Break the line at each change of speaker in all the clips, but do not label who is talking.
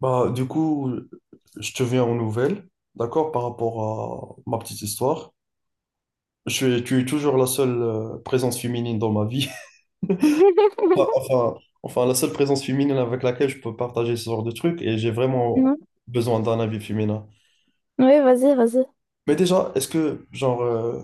Bah, du coup, je te viens aux nouvelles, d'accord, par rapport à ma petite histoire. Tu es toujours la seule présence féminine dans ma vie. Enfin, enfin, la seule présence féminine avec laquelle je peux partager ce genre de trucs et j'ai vraiment
Mhm.
besoin d'un avis féminin.
Oui, vas-y, vas-y.
Mais déjà, est-ce que, genre,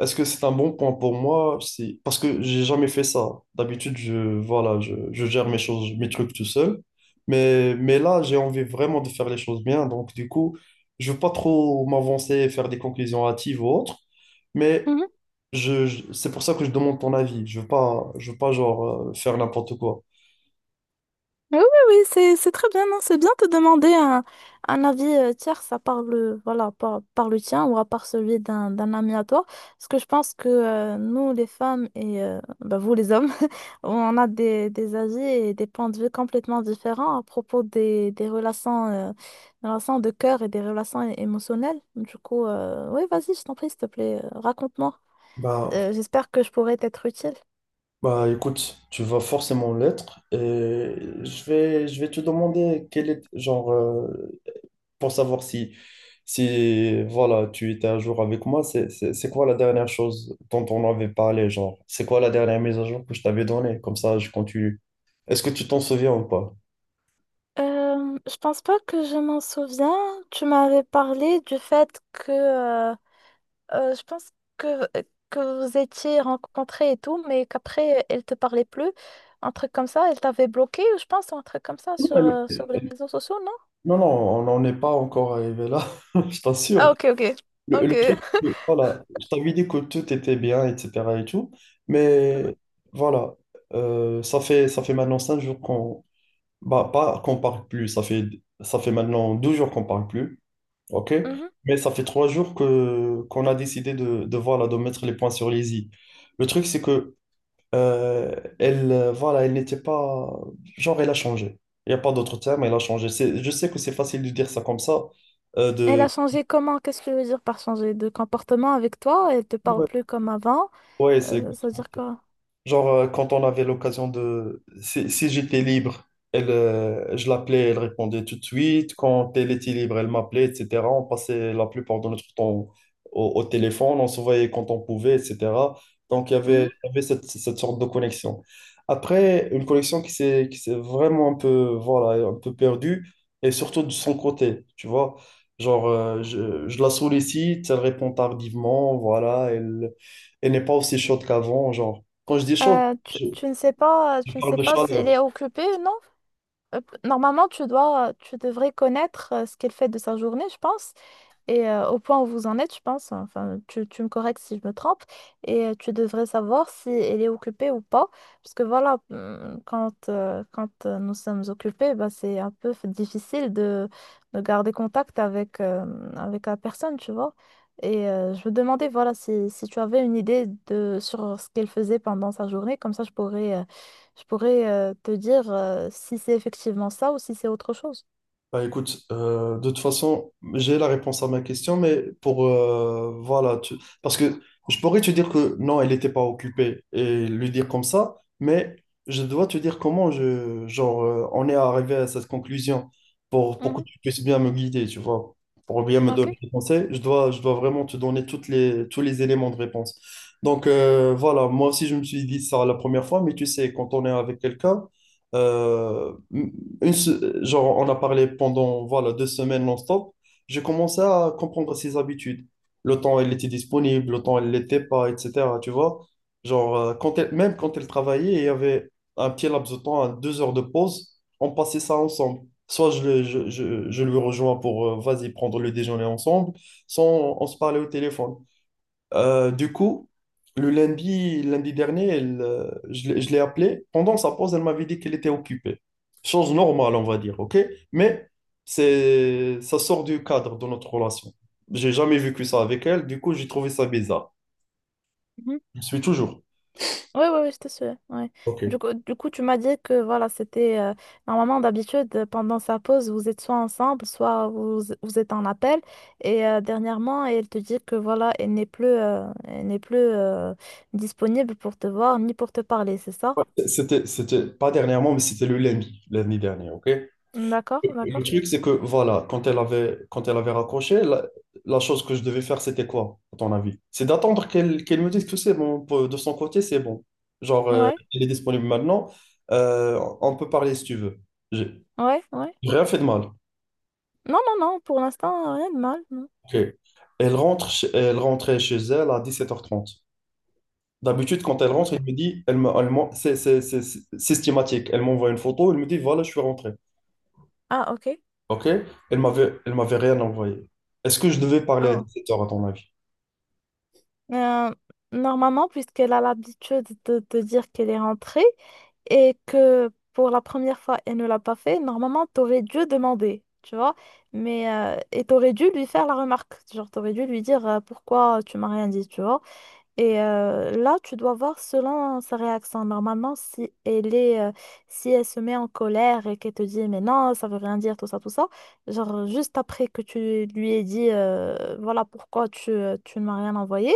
est-ce que c'est un bon point pour moi? Si... Parce que j'ai jamais fait ça. D'habitude, je gère mes choses, mes trucs tout seul. Mais là, j'ai envie vraiment de faire les choses bien. Donc, du coup, je veux pas trop m'avancer et faire des conclusions hâtives ou autres. Mais
Mhm.
c'est pour ça que je demande ton avis. Je veux pas genre faire n'importe quoi.
Oui, oui, oui, c'est très bien, non, c'est bien de demander un avis tierce à part le, voilà, par le tien ou à part celui d'un ami à toi. Parce que je pense que nous, les femmes et bah, vous, les hommes, on a des avis et des points de vue complètement différents à propos des relations de cœur et des relations émotionnelles. Du coup, oui, vas-y, je t'en prie, s'il te plaît, raconte-moi.
Bah,
J'espère que je pourrai t'être utile.
bah écoute, tu vas forcément l'être et je vais te demander quel est genre pour savoir si, si voilà, tu étais à jour avec moi, c'est quoi la dernière chose dont on avait parlé, genre, c'est quoi la dernière mise à jour que je t'avais donnée? Comme ça, je continue. Est-ce que tu t'en souviens ou pas?
Je pense pas que je m'en souviens. Tu m'avais parlé du fait que euh, je pense que, que vous étiez rencontrés et tout, mais qu'après elle te parlait plus. Un truc comme ça, elle t'avait bloqué, ou je pense, un truc comme ça
Non,
sur,
mais
euh,
le-
sur les réseaux sociaux, non?
non, non, on n'en est pas encore arrivé là, je t'assure.
Ah, ok, ok.
Le,
Ok.
le truc, voilà, je t'avais dit que tout était bien, etc. et tout,
Mhm,
mais voilà, ça fait maintenant 5 jours qu'on bah, pas qu'on parle plus, ça fait maintenant 12 jours qu'on parle plus. OK?
mhm.
Mais ça fait 3 jours que qu'on a décidé de voilà, de mettre les points sur les i. Le truc, c'est que voilà, elle n'était pas. Genre, elle a changé. Il n'y a pas d'autre terme, elle a changé. C'est- Je sais que c'est facile de dire ça comme ça.
Elle a
De...
changé comment? Qu'est-ce que tu veux dire par changer de comportement avec toi? Elle te parle
Ouais,
plus comme avant?
ouais, c'est.
Ça veut dire quoi?
Genre, quand on avait l'occasion de... Si j'étais libre, je l'appelais, elle répondait tout de suite. Quand elle était libre, elle m'appelait, etc. On passait la plupart de notre temps au téléphone, on se voyait quand on pouvait, etc. Donc,
Mhm.
il y avait cette sorte de connexion. Après, une connexion qui s'est vraiment un peu, voilà, un peu perdue, et surtout de son côté, tu vois. Genre, je la sollicite, elle répond tardivement, voilà, elle n'est pas aussi chaude qu'avant, genre. Quand je dis chaud,
Tu,
je,
tu ne sais pas,
je parle de
si
chaleur.
elle est occupée, non? Hop. Normalement, tu devrais connaître ce qu'elle fait de sa journée, je pense. Et au point où vous en êtes, je pense, enfin, tu me corriges si je me trompe, et tu devrais savoir si elle est occupée ou pas, parce que voilà, quand nous sommes occupés, bah, c'est un peu difficile de garder contact avec la personne, tu vois. Et je me demandais, voilà, si tu avais une idée sur ce qu'elle faisait pendant sa journée, comme ça je pourrais, te dire si c'est effectivement ça ou si c'est autre chose.
Bah écoute, de toute façon, j'ai la réponse à ma question, mais pour voilà, parce que je pourrais te dire que non, elle n'était pas occupée et lui dire comme ça, mais je dois te dire comment je genre on est arrivé à cette conclusion pour que
Mhm,
tu puisses bien me guider, tu vois, pour bien me
ok.
donner des conseils, je dois vraiment te donner toutes les tous les éléments de réponse. Donc voilà, moi aussi je me suis dit ça la première fois, mais tu sais, quand on est avec quelqu'un genre, on a parlé pendant, voilà, 2 semaines non-stop. J'ai commencé à comprendre ses habitudes. Le temps, elle était disponible, le temps, elle ne l'était pas, etc. Tu vois? Genre, même quand elle travaillait, il y avait un petit laps de temps, à 2 heures de pause. On passait ça ensemble. Soit je, le- je lui rejoins pour, vas-y, prendre le déjeuner ensemble, soit on se parlait au téléphone. Du coup, lundi dernier, elle, je l'ai appelée. Pendant sa pause, elle m'avait dit qu'elle était occupée. Chose normale, on va dire, OK? Mais ça sort du cadre de notre relation. J'ai jamais vécu ça avec elle. Du coup, j'ai trouvé ça bizarre. Je suis toujours.
Oui, oui, oui, c'était sûr. Ouais.
OK.
Du coup, tu m'as dit que voilà, c'était normalement d'habitude pendant sa pause, vous êtes soit ensemble, soit vous êtes en appel. Et dernièrement, elle te dit que voilà, elle n'est plus disponible pour te voir ni pour te parler, c'est ça?
C'était pas dernièrement, mais c'était le lundi, lundi dernier, OK?
D'accord,
Le
d'accord.
truc, c'est que, voilà, quand elle avait raccroché, la chose que je devais faire, c'était quoi, à ton avis? C'est d'attendre qu'elle me dise que c'est bon, de son côté, c'est bon. Genre,
Ouais,
elle est disponible maintenant, on peut parler si tu veux. J'ai
ouais, ouais.
j'ai rien fait de mal.
Non, non, non, pour l'instant, rien de mal. Non.
Ok. Elle rentrait chez elle à 17h30. D'habitude, quand elle
Hmm.
rentre, elle me dit, elle me, elle m'en- c'est systématique. Elle m'envoie une photo, elle me dit, voilà, je suis rentré.
Ah, ok.
OK? Elle m'avait rien envoyé. Est-ce que je devais parler à
Ah,
17h à ton avis?
Euh, normalement, puisqu'elle a l'habitude de dire qu'elle est rentrée et que pour la première fois, elle ne l'a pas fait, normalement, t'aurais dû demander, tu vois. Mais, et t'aurais dû lui faire la remarque. Genre, t'aurais dû lui dire pourquoi tu m'as rien dit, tu vois. Et là, tu dois voir selon sa réaction. Normalement, si elle se met en colère et qu'elle te dit, mais non, ça veut rien dire, tout ça, genre, juste après que tu lui aies dit, voilà pourquoi tu ne m'as rien envoyé.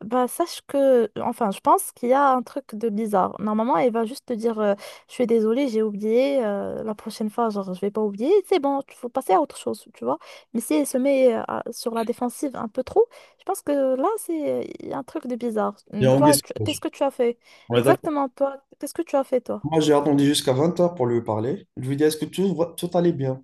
Bah, sache que, enfin, je pense qu'il y a un truc de bizarre. Normalement, elle va juste te dire, je suis désolée, j'ai oublié, la prochaine fois, genre, je vais pas oublier, c'est bon, il faut passer à autre chose, tu vois. Mais si elle se met sur la défensive un peu trop, je pense que là, c'est il y a un truc de bizarre.
Il y a Anguille
Toi, qu'est-ce
Sauvage.
que tu as fait?
On est d'accord.
Exactement, toi, qu'est-ce que tu as fait, toi?
Moi, j'ai attendu jusqu'à 20h pour lui parler. Je lui dis, est-ce que tout allait bien?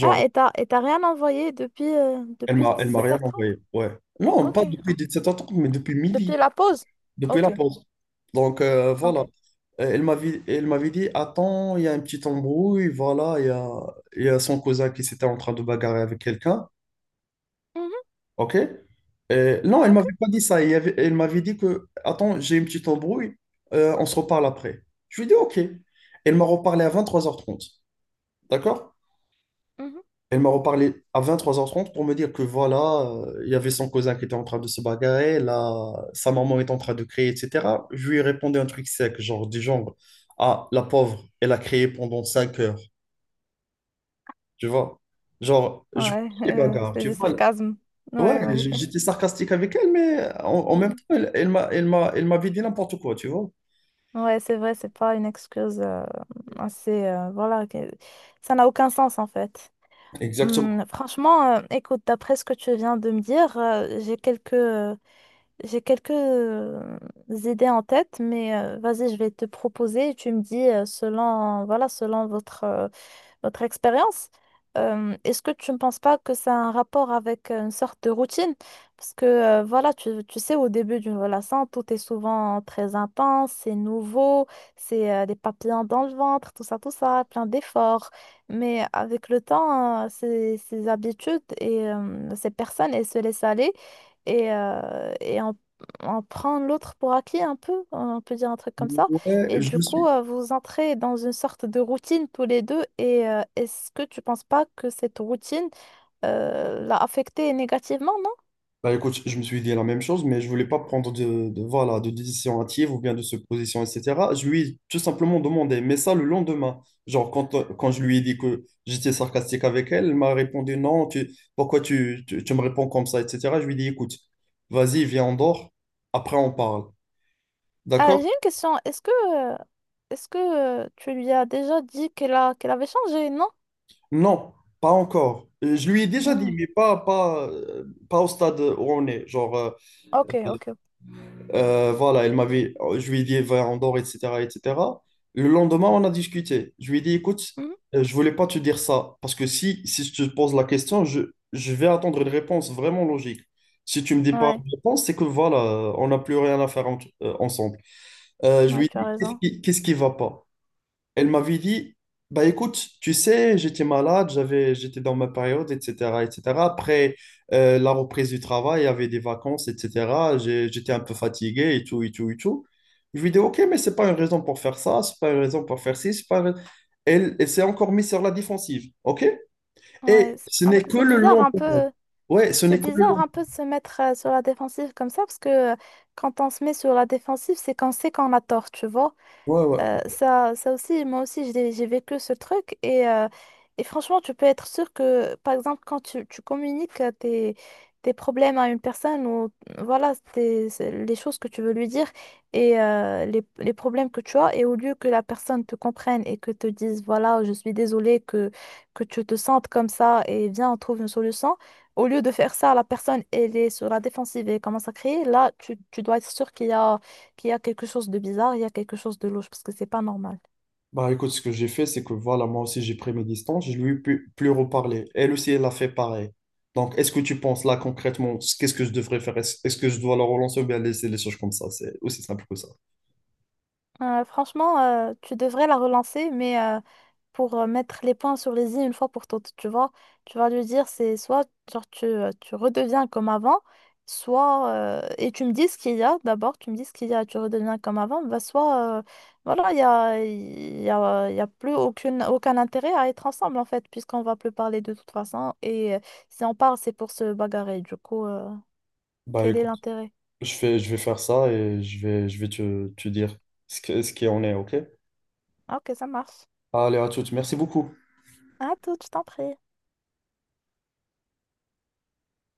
Ah, et t'as rien envoyé depuis, euh, depuis
elle m'a rien
17h30?
envoyé. Ouais. Non,
Ok,
pas depuis
ah,
17h30, mais depuis
depuis
midi,
la pause?
depuis la
Ok,
pause. Donc, voilà.
ok.
Elle m'avait dit, attends, il y a un petit embrouille, voilà, il y a son cousin qui s'était en train de bagarrer avec quelqu'un.
Mhm,
OK? Non, elle
ok.
m'avait pas dit ça. Elle m'avait dit que, attends, j'ai une petite embrouille, on se reparle après. Je lui ai dit, OK. Elle m'a reparlé à 23h30. D'accord?
Mhm.
Elle m'a reparlé à vingt-trois heures trente pour me dire que voilà, il y avait son cousin qui était en train de se bagarrer, là, sa maman est en train de crier, etc. Je lui ai répondu un truc sec, du genre, ah, la pauvre, elle a crié pendant 5 heures, tu vois? Genre, je connais
Ouais,
les bagarres,
c'est
tu
du
vois?
sarcasme. Ouais, ouais.
J'étais sarcastique avec elle, mais en même
Ouais,
temps, elle m'avait dit n'importe quoi, tu vois.
ouais, c'est vrai, c'est pas une excuse assez. Voilà, ça n'a aucun sens en fait.
Exactement.
Franchement, écoute, d'après ce que tu viens de me dire, j'ai quelques idées en tête, mais vas-y, je vais te proposer et tu me dis selon votre expérience. Est-ce que tu ne penses pas que ça a un rapport avec une sorte de routine? Parce que voilà, tu sais, au début d'une relation, tout est souvent très intense, c'est nouveau, c'est des papillons dans le ventre, tout ça, plein d'efforts. Mais avec le temps, ces habitudes et ces personnes, elles se laissent aller et on prend l'autre pour acquis un peu, on peut dire un truc comme ça.
Ouais,
Et
je
du
me
coup,
suis.
vous entrez dans une sorte de routine tous les deux. Et est-ce que tu penses pas que cette routine l'a affecté négativement, non?
Bah écoute, je me suis dit la même chose, mais je voulais pas prendre voilà, de décision hâtive ou bien de se supposition, etc. Je lui ai tout simplement demandé, mais ça le lendemain. Genre, quand je lui ai dit que j'étais sarcastique avec elle, elle m'a répondu non, pourquoi tu me réponds comme ça, etc. Je lui ai dit écoute, vas-y, viens, on dort, après on parle.
Ah, j'ai
D'accord?
une question. Euh, est-ce que tu lui as déjà dit qu'elle avait changé, non?
Non, pas encore. Je lui ai déjà
Hmm.
dit, mais pas au stade où on est. Genre,
Ok, ok.
voilà, je lui ai dit, va en dehors, etc., etc. Le lendemain, on a discuté. Je lui ai dit, écoute,
Mhm.
je voulais pas te dire ça, parce que si, si je te pose la question, je vais attendre une réponse vraiment logique. Si tu me dis pas
Ouais,
une réponse, c'est que voilà, on n'a plus rien à faire ensemble. Je
ouais,
lui ai
tu as
dit,
raison.
qu'est-ce qui va pas? Elle m'avait dit, bah écoute, tu sais, j'étais dans ma période, etc., etc. Après la reprise du travail, il y avait des vacances, etc. J'étais un peu fatigué et tout, et tout, et tout. Je lui ai dit, ok, mais c'est pas une raison pour faire ça, c'est pas une raison pour faire ci, c'est pas. Une rais- elle elle s'est encore mise sur la défensive, ok?
Ouais,
Et
c'est
ce
ah,
n'est que
c'est
le
bizarre un
lendemain.
peu.
Ouais, ce
C'est
n'est que le
bizarre
lendemain.
un peu de se mettre sur la défensive comme ça parce que quand on se met sur la défensive, c'est qu'on sait qu'on a tort, tu vois.
Ouais, ouais.
Ça aussi, moi aussi, j'ai vécu ce truc et franchement, tu peux être sûr que, par exemple, quand tu communiques tes problèmes à une personne ou voilà, c'est les choses que tu veux lui dire et les problèmes que tu as, et au lieu que la personne te comprenne et que te dise, voilà, je suis désolée que tu te sentes comme ça et viens, on trouve une solution, au lieu de faire ça, la personne, elle est sur la défensive et commence à crier, là, tu dois être sûr qu'il y a quelque chose de bizarre, il y a quelque chose de louche, parce que c'est pas normal.
Bah écoute, ce que j'ai fait, c'est que voilà, moi aussi j'ai pris mes distances, je lui ai pu- plus reparler. Elle aussi, elle a fait pareil. Donc, est-ce que tu penses là concrètement, qu'est-ce que je devrais faire? Est-ce que je dois la relancer ou bien laisser les choses comme ça? C'est aussi simple que ça.
Franchement, tu devrais la relancer, mais pour mettre les points sur les i une fois pour toutes, tu vois. Tu vas lui dire, c'est soit genre, tu redeviens comme avant, soit, et tu me dis ce qu'il y a, d'abord, tu me dis ce qu'il y a, tu redeviens comme avant, bah, soit, voilà, il y a, il y a, il y a plus aucun intérêt à être ensemble, en fait, puisqu'on va plus parler de toute façon. Et si on parle, c'est pour se bagarrer. Du coup,
Bah
quel est l'intérêt?
Je fais, je vais faire ça et je vais te te dire ce que, ce qui en est, ok?
Ah, ok, ça marche.
Allez, à toutes. Merci beaucoup.
À toute, je t'en prie.